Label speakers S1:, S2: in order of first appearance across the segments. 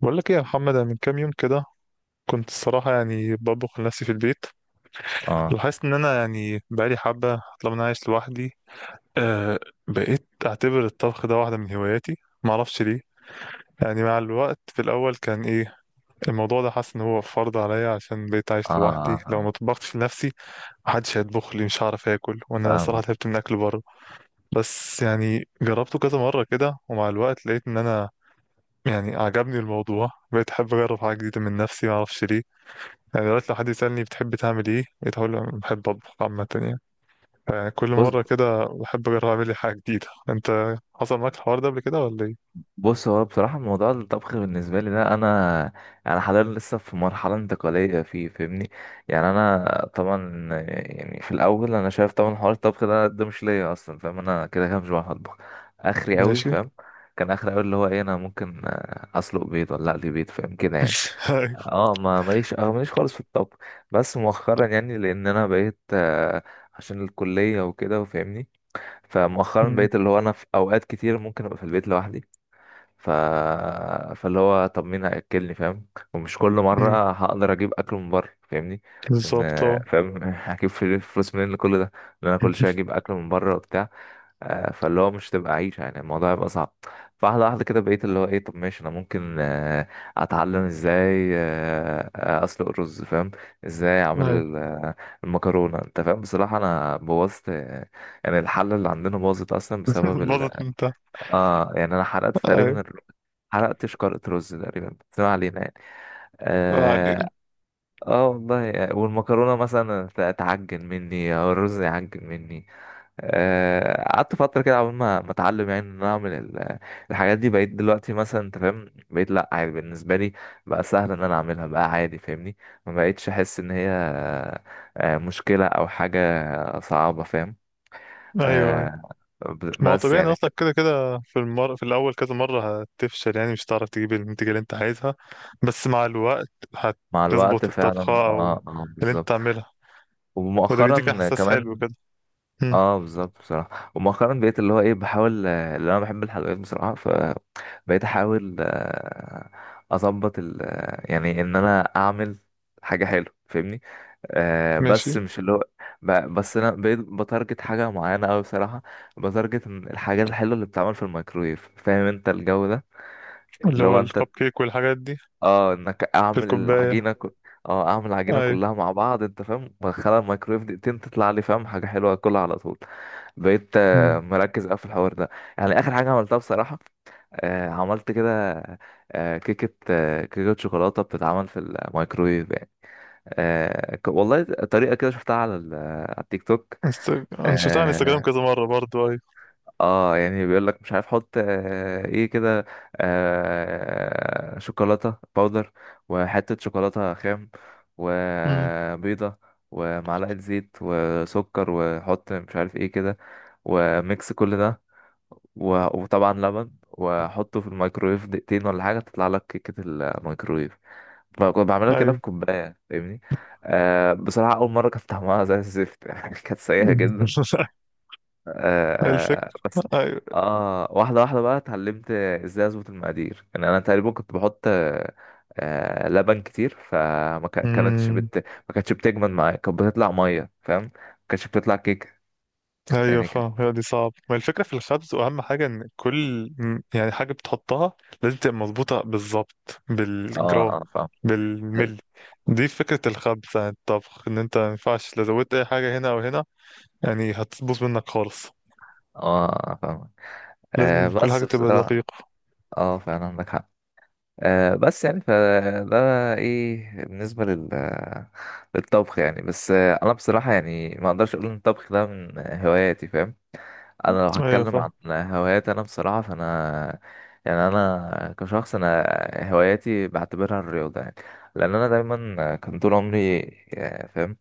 S1: بقول لك ايه يا محمد، انا من كام يوم كده كنت الصراحه يعني بطبخ لنفسي في البيت.
S2: اه
S1: ولاحظت ان انا يعني بقالي حبه طالما انا عايش لوحدي. آه. بقيت اعتبر الطبخ ده واحده من هواياتي، ما اعرفش ليه. يعني مع الوقت في الاول كان ايه الموضوع ده، حاسس ان هو فرض عليا عشان بقيت
S2: اه
S1: عايش لوحدي.
S2: آه،
S1: لو ما
S2: فاهم.
S1: طبختش لنفسي محدش هيطبخ لي، مش هعرف اكل، وانا صراحه
S2: فاهمك.
S1: تعبت من اكل بره. بس يعني جربته كذا مره كده، ومع الوقت لقيت ان انا يعني عجبني الموضوع، بقيت احب اجرب حاجه جديده من نفسي، ما اعرفش ليه. يعني دلوقتي لو حد يسألني بتحب تعمل ايه، بقيت هقول له أنا بحب اطبخ عامة يعني. فكل
S2: بص،
S1: مرة كده بحب اجرب اعمل لي حاجة جديدة. انت حصل معاك الحوار ده قبل كده ولا ايه؟
S2: هو بصراحة موضوع الطبخ بالنسبة لي ده أنا حاليا لسه في مرحلة انتقالية فيه، فاهمني؟ يعني أنا طبعا، يعني في الأول أنا شايف طبعا حوار الطبخ ده مش ليا أصلا، فاهم؟ أنا كده كده مش بعرف أطبخ. آخري أوي،
S1: ماشي.
S2: فاهم؟ كان آخري أوي اللي هو إيه، أنا ممكن أسلق بيض ولا أقلي بيض، فاهم كده يعني.
S1: أيوة.
S2: اه ما ماليش، اه ماليش خالص في الطبخ. بس مؤخرا يعني، لأن أنا بقيت عشان الكلية وكده، وفاهمني، فمؤخرا
S1: أمم.
S2: بقيت اللي هو انا في اوقات كتير ممكن ابقى في البيت لوحدي. ف... فاللي هو طب مين هياكلني، فاهم؟ ومش كل
S1: أمم.
S2: مره هقدر اجيب اكل من بره، فاهمني. لان،
S1: بالظبط، اه.
S2: فاهم هجيب فلوس منين لكل ده؟ ان انا كل شويه اجيب اكل من بره وبتاع. فاللي هو مش تبقى عيشة يعني، الموضوع هيبقى صعب. فواحدة واحدة كده بقيت اللي هو ايه، طب ماشي انا ممكن اتعلم ازاي اسلق الرز، فاهم؟ ازاي اعمل
S1: ايوه
S2: المكرونة، انت فاهم. بصراحة انا بوظت، يعني الحلة اللي عندنا باظت اصلا بسبب
S1: باظت
S2: ال...
S1: انت.
S2: اه يعني انا حرقت
S1: ايوه،
S2: تقريبا حرقت شكارة رز تقريبا، بس ما علينا يعني.
S1: ما
S2: اه.
S1: علينا.
S2: آه والله يعني. والمكرونة مثلا تعجن مني او الرز يعجن مني. قعدت فترة كده قبل ما اتعلم يعني ان انا اعمل ال... الحاجات دي، بقيت دلوقتي مثلا انت فاهم، بقيت لا عادي بالنسبة لي. بقى سهل ان انا اعملها، بقى عادي، فاهمني. ما بقيتش احس ان هي مشكلة او حاجة صعبة، فاهم.
S1: ايوه، ايوه.
S2: آه،
S1: ما هو
S2: بس
S1: طبيعي إن
S2: يعني.
S1: اصلا كده كده في الاول كذا مرة هتفشل، يعني مش هتعرف تجيب النتيجة اللي انت عايزها. بس مع الوقت
S2: مع الوقت
S1: هتظبط
S2: فعلا،
S1: الطبخة او
S2: اه اه
S1: اللي انت
S2: بالظبط.
S1: تعملها. وده بيديك
S2: ومؤخرا
S1: احساس حلو
S2: كمان،
S1: كده. أمم.
S2: اه بالظبط بصراحه، ومؤخرا بقيت اللي هو ايه، بحاول اللي انا بحب الحلويات بصراحه، فبقيت احاول اظبط ال يعني ان انا اعمل حاجه حلوه، فاهمني. آه
S1: ماشي.
S2: بس مش اللي هو، بس انا بقيت بتارجت حاجه معينه قوي بصراحه. بتارجت إن الحاجات الحلوه اللي بتتعمل في الميكرويف، فاهم انت الجو ده.
S1: اللي
S2: اللي
S1: هو
S2: هو
S1: الكب
S2: انت،
S1: كيك والحاجات دي.
S2: اه انك
S1: في
S2: اعمل
S1: الكوباية.
S2: العجينه اه اعمل العجينه
S1: أيوة.
S2: كلها مع بعض، انت فاهم، بدخلها الميكرويف دقيقتين، تطلع لي فاهم حاجه حلوه اكلها على طول. بقيت
S1: مم.
S2: مركز قوي في الحوار ده. يعني اخر حاجه عملتها بصراحه، عملت كده كيكه كيكه شوكولاته بتتعمل في الميكرويف يعني. والله طريقه كده شفتها على على التيك توك.
S1: أنا شفتها على انستجرام
S2: آه،
S1: كذا مرة برضو. أيوة.
S2: اه يعني بيقول لك مش عارف حط آه ايه كده، آه شوكولاته باودر، وحته شوكولاته خام،
S1: مم.
S2: وبيضه، ومعلقه زيت وسكر، وحط مش عارف ايه كده، وميكس كل ده، وطبعا لبن، وحطه في الميكرويف دقيقتين ولا حاجه، تطلع لك كيكه الميكرويف. كنت بعملها كده
S1: أيوة.
S2: في كوبايه، فاهمني. آه بصراحه اول مره كانت طعمها زي الزفت يعني كانت سيئه جدا. آه. آه
S1: الفكرة.
S2: بس،
S1: أيوة.
S2: اه واحدة واحدة بقى اتعلمت ازاي اظبط المقادير. يعني انا تقريبا كنت بحط آه آه لبن كتير، فما كانتش
S1: مم.
S2: ما كانتش بتجمد معايا، كانت بتطلع مية فاهم، ما كانتش بتطلع كيك.
S1: أيوة،
S2: يعني كان،
S1: فاهم. هي دي صعب، ما الفكرة في الخبز وأهم حاجة إن يعني حاجة بتحطها لازم تبقى مظبوطة بالظبط
S2: اه
S1: بالجرام،
S2: اه فاهم.
S1: بالملي. دي فكرة الخبز عن الطبخ، إن أنت ما ينفعش لو زودت أي حاجة هنا أو هنا، يعني هتبوظ منك خالص.
S2: اه فاهم. آه
S1: لازم كل حاجة
S2: بس
S1: تبقى
S2: بصراحة،
S1: دقيقة.
S2: اه فعلا عندك حق. آه بس يعني فده ايه بالنسبة لل... للطبخ يعني. بس آه انا بصراحة يعني ما اقدرش اقول ان الطبخ ده من هواياتي، فاهم. انا لو هتكلم
S1: أيوة،
S2: عن هواياتي انا بصراحه، فانا يعني انا كشخص، هواياتي بعتبرها الرياضه يعني. لان انا دايما كان طول عمري فاهم،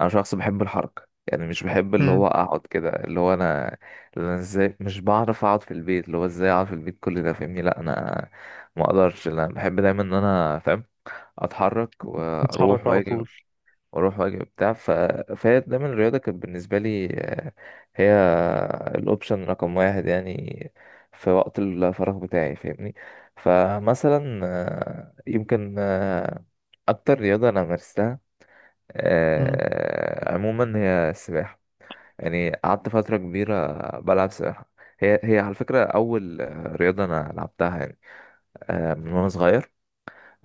S2: انا شخص بحب الحركه يعني. مش بحب اللي
S1: فاهم.
S2: هو اقعد كده، اللي هو انا اللي انا ازاي مش بعرف اقعد في البيت، اللي هو ازاي اقعد في البيت كل ده، فاهمني. لا انا ما اقدرش، لا، انا بحب دايما ان انا فاهم اتحرك
S1: نتحرك
S2: واروح
S1: على
S2: واجي،
S1: طول.
S2: واروح واجي وبتاع. فهي دايما الرياضه كانت بالنسبه لي هي الاوبشن رقم واحد يعني في وقت الفراغ بتاعي، فاهمني. فمثلا يمكن، اكتر رياضه انا مارستها
S1: مم.
S2: عموما هي السباحه. يعني قعدت فتره كبيره بلعب سباحه. هي هي على فكره اول رياضه انا لعبتها يعني، من وانا صغير،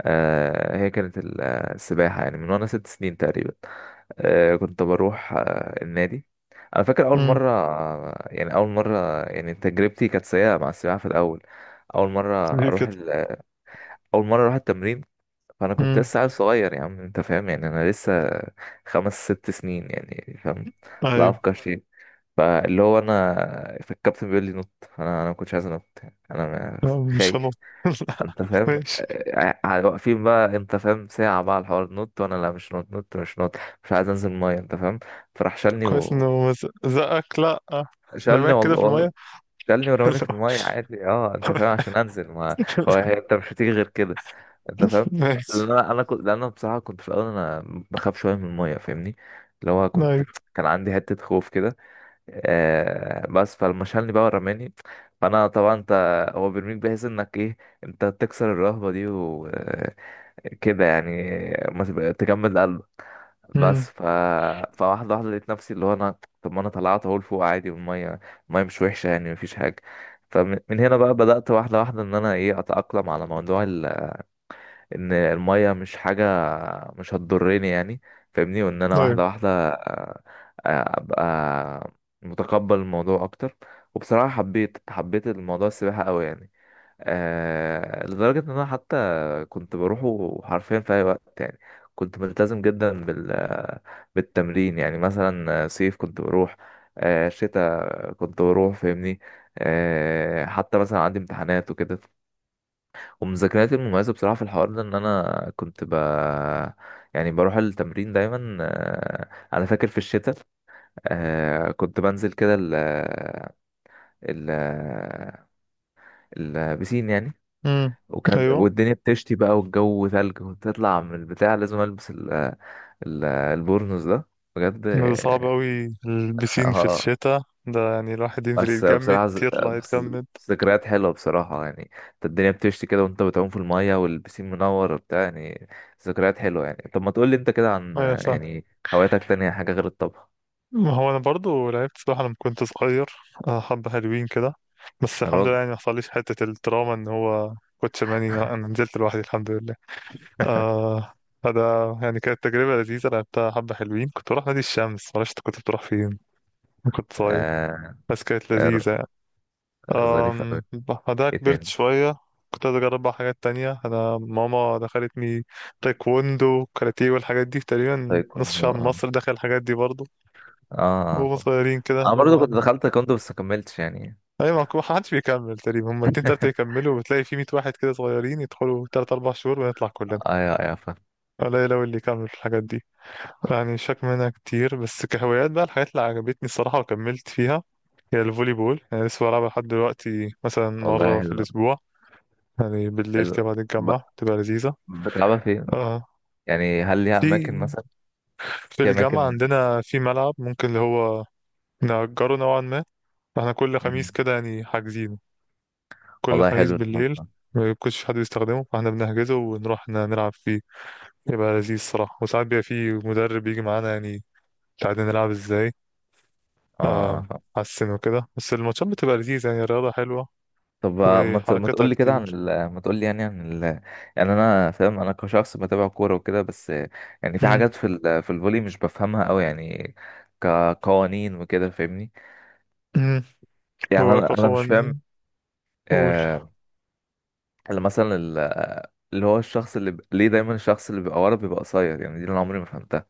S2: هي كانت السباحه يعني، من وانا ست سنين تقريبا. كنت بروح النادي. انا فاكر اول
S1: مم.
S2: مره يعني اول مره يعني تجربتي كانت سيئه مع السباحه في الاول. اول مره
S1: ليه
S2: اروح
S1: كده؟
S2: اول مره اروح التمرين، فانا كنت
S1: مم.
S2: لسه عيل صغير يا عم، انت فاهم يعني، انا لسه خمس ست سنين يعني فاهم. لا
S1: ايوه.
S2: افكر شيء. فاللي هو انا فالكابتن بيقول لي نط، انا ما كنتش عايز انط يعني. انا
S1: لا، مش هنط.
S2: خايف،
S1: لا.
S2: انت فاهم.
S1: ماشي.
S2: آه آه، واقفين بقى انت فاهم ساعة بقى على الحوار، نط، وانا لا مش نط، نط مش نط، مش عايز انزل المية، انت فاهم. فراح
S1: طب
S2: شالني
S1: كويس انه
S2: و...
S1: ما زقك. لا،
S2: شالني،
S1: رماك كده
S2: والله
S1: في المية.
S2: والله شالني ورماني في
S1: لا.
S2: المية عادي، اه انت فاهم عشان انزل، ما هو هي انت مش هتيجي غير كده، انت فاهم.
S1: ماشي.
S2: لان انا، انا كنت لان انا بصراحة كنت في الاول انا بخاف شوية من المية، فاهمني. اللي هو كنت،
S1: ايوه.
S2: كان عندي حتة خوف كده. آه بس فلما شالني بقى ورماني، فانا طبعا انت، هو بيرميك بحيث انك ايه، انت تكسر الرهبة دي و كده يعني، ما تبقى- تجمد قلبك.
S1: مم.
S2: بس فواحدة واحدة لقيت نفسي اللي هو أنا طب ما أنا طلعت أهو لفوق عادي، والمية مش وحشة يعني، مفيش حاجة. فمن هنا بقى بدأت واحدة واحدة إن أنا إيه أتأقلم على موضوع إن المية مش حاجة، مش هتضرني يعني، فاهمني، وإن أنا
S1: ايوه.
S2: واحدة واحدة آه، أبقى متقبل الموضوع أكتر. وبصراحة حبيت حبيت الموضوع السباحة أوي يعني، آه لدرجة إن أنا حتى كنت بروحه حرفيا في أي وقت يعني. كنت ملتزم جدا بال بالتمرين يعني، مثلا صيف كنت بروح، آه شتاء كنت بروح، فاهمني. آه حتى مثلا عندي امتحانات وكده، ومذاكرتي المميزة بصراحة في الحوار ده، إن أنا كنت ب... يعني بروح التمرين دايما. آه أنا فاكر في الشتاء آه كنت بنزل كده ال ال البسين يعني.
S1: مم.
S2: وكان
S1: ايوه.
S2: والدنيا بتشتي بقى والجو ثلج، وتطلع من البتاع لازم البس ال البورنوس ده، بجد
S1: ده صعب قوي البسين في
S2: اه
S1: الشتاء. ده يعني الواحد ينزل
S2: بس
S1: يتجمد،
S2: بصراحة
S1: يطلع
S2: بس،
S1: يتجمد.
S2: ذكريات حلوة بصراحة يعني، انت الدنيا بتشتي كده وانت بتعوم في المية والبسين منور وبتاع يعني، ذكريات حلوة يعني. طب ما تقول لي انت كده عن
S1: ايوه، صح.
S2: يعني هواياتك، تانية حاجة غير الطبخ؟
S1: ما هو انا برضو لعبت سباحه لما كنت صغير. حبه حلوين كده. بس
S2: يا
S1: الحمد لله
S2: راجل
S1: يعني ما حصليش حته التراuma ان هو كنت شرماني. لا، انا نزلت لوحدي الحمد لله. آه. فده يعني كانت تجربه لذيذه، لعبتها حبه حلوين. كنت بروح نادي الشمس، معرفش انت كنت بتروح فين لما كنت صغير.
S2: آه،
S1: بس كانت
S2: آه،
S1: لذيذه يعني.
S2: ظريف أوي.
S1: بعدها
S2: ايه
S1: كبرت
S2: تاني؟
S1: شويه. كنت عايز اجرب بقى حاجات تانية. انا ماما دخلتني تايكوندو، كاراتيه، والحاجات دي تقريبا نص
S2: تايكوندو،
S1: شعب
S2: اه
S1: مصر دخل الحاجات دي برضو.
S2: اه.
S1: وهم
S2: آه،
S1: صغيرين كده
S2: انا
S1: اللي
S2: برضو
S1: هو.
S2: كنت دخلت تايكوندو بس ما كملتش يعني.
S1: ايوه، ما حدش بيكمل تقريبا. هما اتنين تلاتة يكملوا، وبتلاقي في 100 واحد كده صغيرين يدخلوا 3-4 شهور، ونطلع كلنا.
S2: ايوه ايوه فاهم.
S1: قليل أوي اللي يكمل في الحاجات دي. يعني شاك منها كتير، بس كهوايات بقى الحاجات اللي عجبتني الصراحة وكملت فيها هي الفولي بول. يعني لسه بلعبها لحد دلوقتي مثلا
S2: والله
S1: مرة في
S2: حلو.
S1: الأسبوع. يعني بالليل كده
S2: حلو.
S1: بعد
S2: ب...
S1: الجامعة بتبقى لذيذة.
S2: بتلعبها فين؟
S1: آه.
S2: يعني هل ليها اماكن
S1: في
S2: مثلا؟
S1: في
S2: في
S1: الجامعة
S2: اماكن.
S1: عندنا في ملعب ممكن اللي هو نأجره نوعا ما. احنا كل خميس
S2: مم.
S1: كده يعني حاجزين، كل
S2: والله
S1: خميس
S2: حلو الحوار
S1: بالليل.
S2: ده.
S1: ما بيكونش في حد بيستخدمه، فاحنا بنحجزه ونروح نلعب فيه. يبقى لذيذ الصراحة، وساعات بيبقى فيه مدرب يجي معانا يعني يساعدنا نلعب ازاي.
S2: اه اه
S1: آم،
S2: فاهم.
S1: حسن وكده، بس الماتشات بتبقى لذيذة يعني. الرياضة حلوة
S2: طب ما تقول
S1: وحركتها
S2: لي كده عن
S1: كتير.
S2: ما تقول لي يعني عن ال... يعني انا فاهم، انا كشخص بتابع كوره وكده، بس يعني في
S1: مم.
S2: حاجات في ال... في الفولي مش بفهمها قوي يعني، كقوانين وكده، فاهمني.
S1: مم.
S2: يعني
S1: هو
S2: انا مش فاهم.
S1: كقوانين؟ قول.
S2: آه، اللي مثلا ال... اللي هو الشخص اللي ب... ليه دايما الشخص اللي بيبقى ورا بيبقى قصير يعني؟ دي اللي انا عمري ما فهمتها.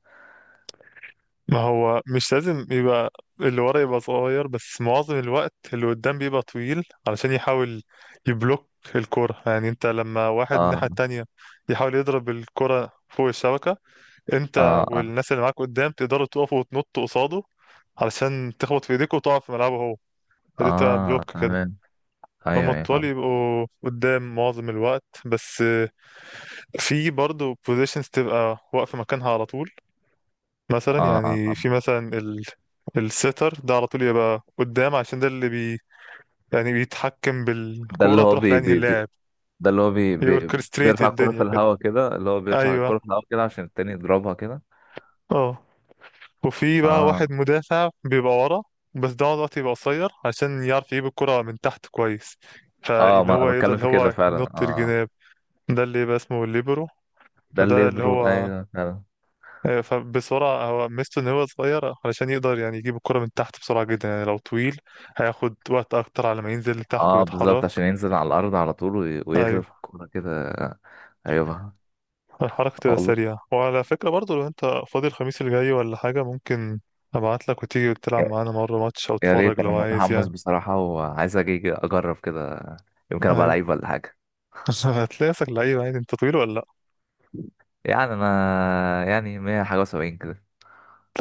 S1: ما هو مش لازم يبقى اللي ورا يبقى صغير، بس معظم الوقت اللي قدام بيبقى طويل علشان يحاول يبلوك الكرة. يعني انت لما واحد من
S2: اه
S1: الناحية التانية يحاول يضرب الكرة فوق الشبكة، انت
S2: اه.
S1: والناس اللي معاك قدام تقدروا تقفوا وتنطوا قصاده علشان تخبط في ايديك وتقع في ملعبه هو. فدي بتبقى
S2: اه
S1: بلوك كده.
S2: تمام.
S1: فهم
S2: ايوه ايوه
S1: الطوال
S2: فاهم.
S1: يبقوا قدام معظم الوقت. بس في برضه بوزيشنز تبقى واقفة مكانها على طول، مثلا
S2: اه اه
S1: يعني
S2: آه.
S1: في مثلا السيتر ده على طول يبقى قدام عشان ده اللي يعني بيتحكم
S2: ده اللي
S1: بالكورة
S2: هو
S1: تروح
S2: بي
S1: لأنهي
S2: بي بي
S1: اللاعب،
S2: ده اللي هو بي
S1: يوركستريت
S2: بيرفع الكرة في
S1: الدنيا كده.
S2: الهواء كده، اللي هو بيرفع
S1: أيوه.
S2: الكرة في الهواء كده عشان التاني يضربها كده.
S1: اه. وفي بقى
S2: اه
S1: واحد مدافع بيبقى ورا، بس ده الوقت يبقى قصير عشان يعرف يجيب الكرة من تحت كويس،
S2: اه،
S1: فاللي
S2: ما
S1: هو
S2: انا
S1: يقدر
S2: بتكلم
S1: اللي
S2: في كده
S1: هو
S2: فعلا،
S1: ينط
S2: اه.
S1: الجناب. ده اللي يبقى اسمه الليبرو.
S2: ده
S1: فده اللي
S2: الليبرو،
S1: هو
S2: ايوه فعلا.
S1: فبسرعة هو ميزته إن هو صغير علشان يقدر يعني يجيب الكرة من تحت بسرعة جدا. يعني لو طويل هياخد وقت أكتر على ما ينزل لتحت
S2: اه بالظبط،
S1: ويتحرك.
S2: عشان ينزل على الارض على طول ويغرف
S1: أيوه.
S2: الكرة كده. ايوه آه
S1: الحركة تبقى
S2: والله.
S1: سريعة. وعلى فكرة برضه لو أنت فاضي الخميس الجاي ولا حاجة، ممكن أبعتلك وتيجي تلعب
S2: يا
S1: معانا مرة ماتش أو تتفرج
S2: ريت، انا
S1: لو عايز
S2: متحمس
S1: يعني.
S2: بصراحة وعايز اجي اجرب كده، يمكن ابقى
S1: أيوه.
S2: لعيب ولا حاجة.
S1: هتلاقي شكل لعيب عادي. انت طويل ولا لا؟
S2: يعني انا يعني 100 حاجة وسبعين كده.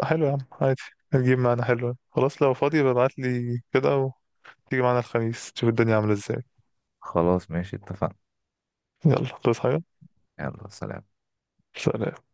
S1: لا، حلو يا عم، عادي. هتجيب معانا، حلو، خلاص. لو فاضي ببعت لي كده وتيجي معانا الخميس تشوف الدنيا عاملة ازاي.
S2: خلاص ماشي اتفقنا.
S1: يلا، تصحى حاجة.
S2: يلا سلام.
S1: سلام.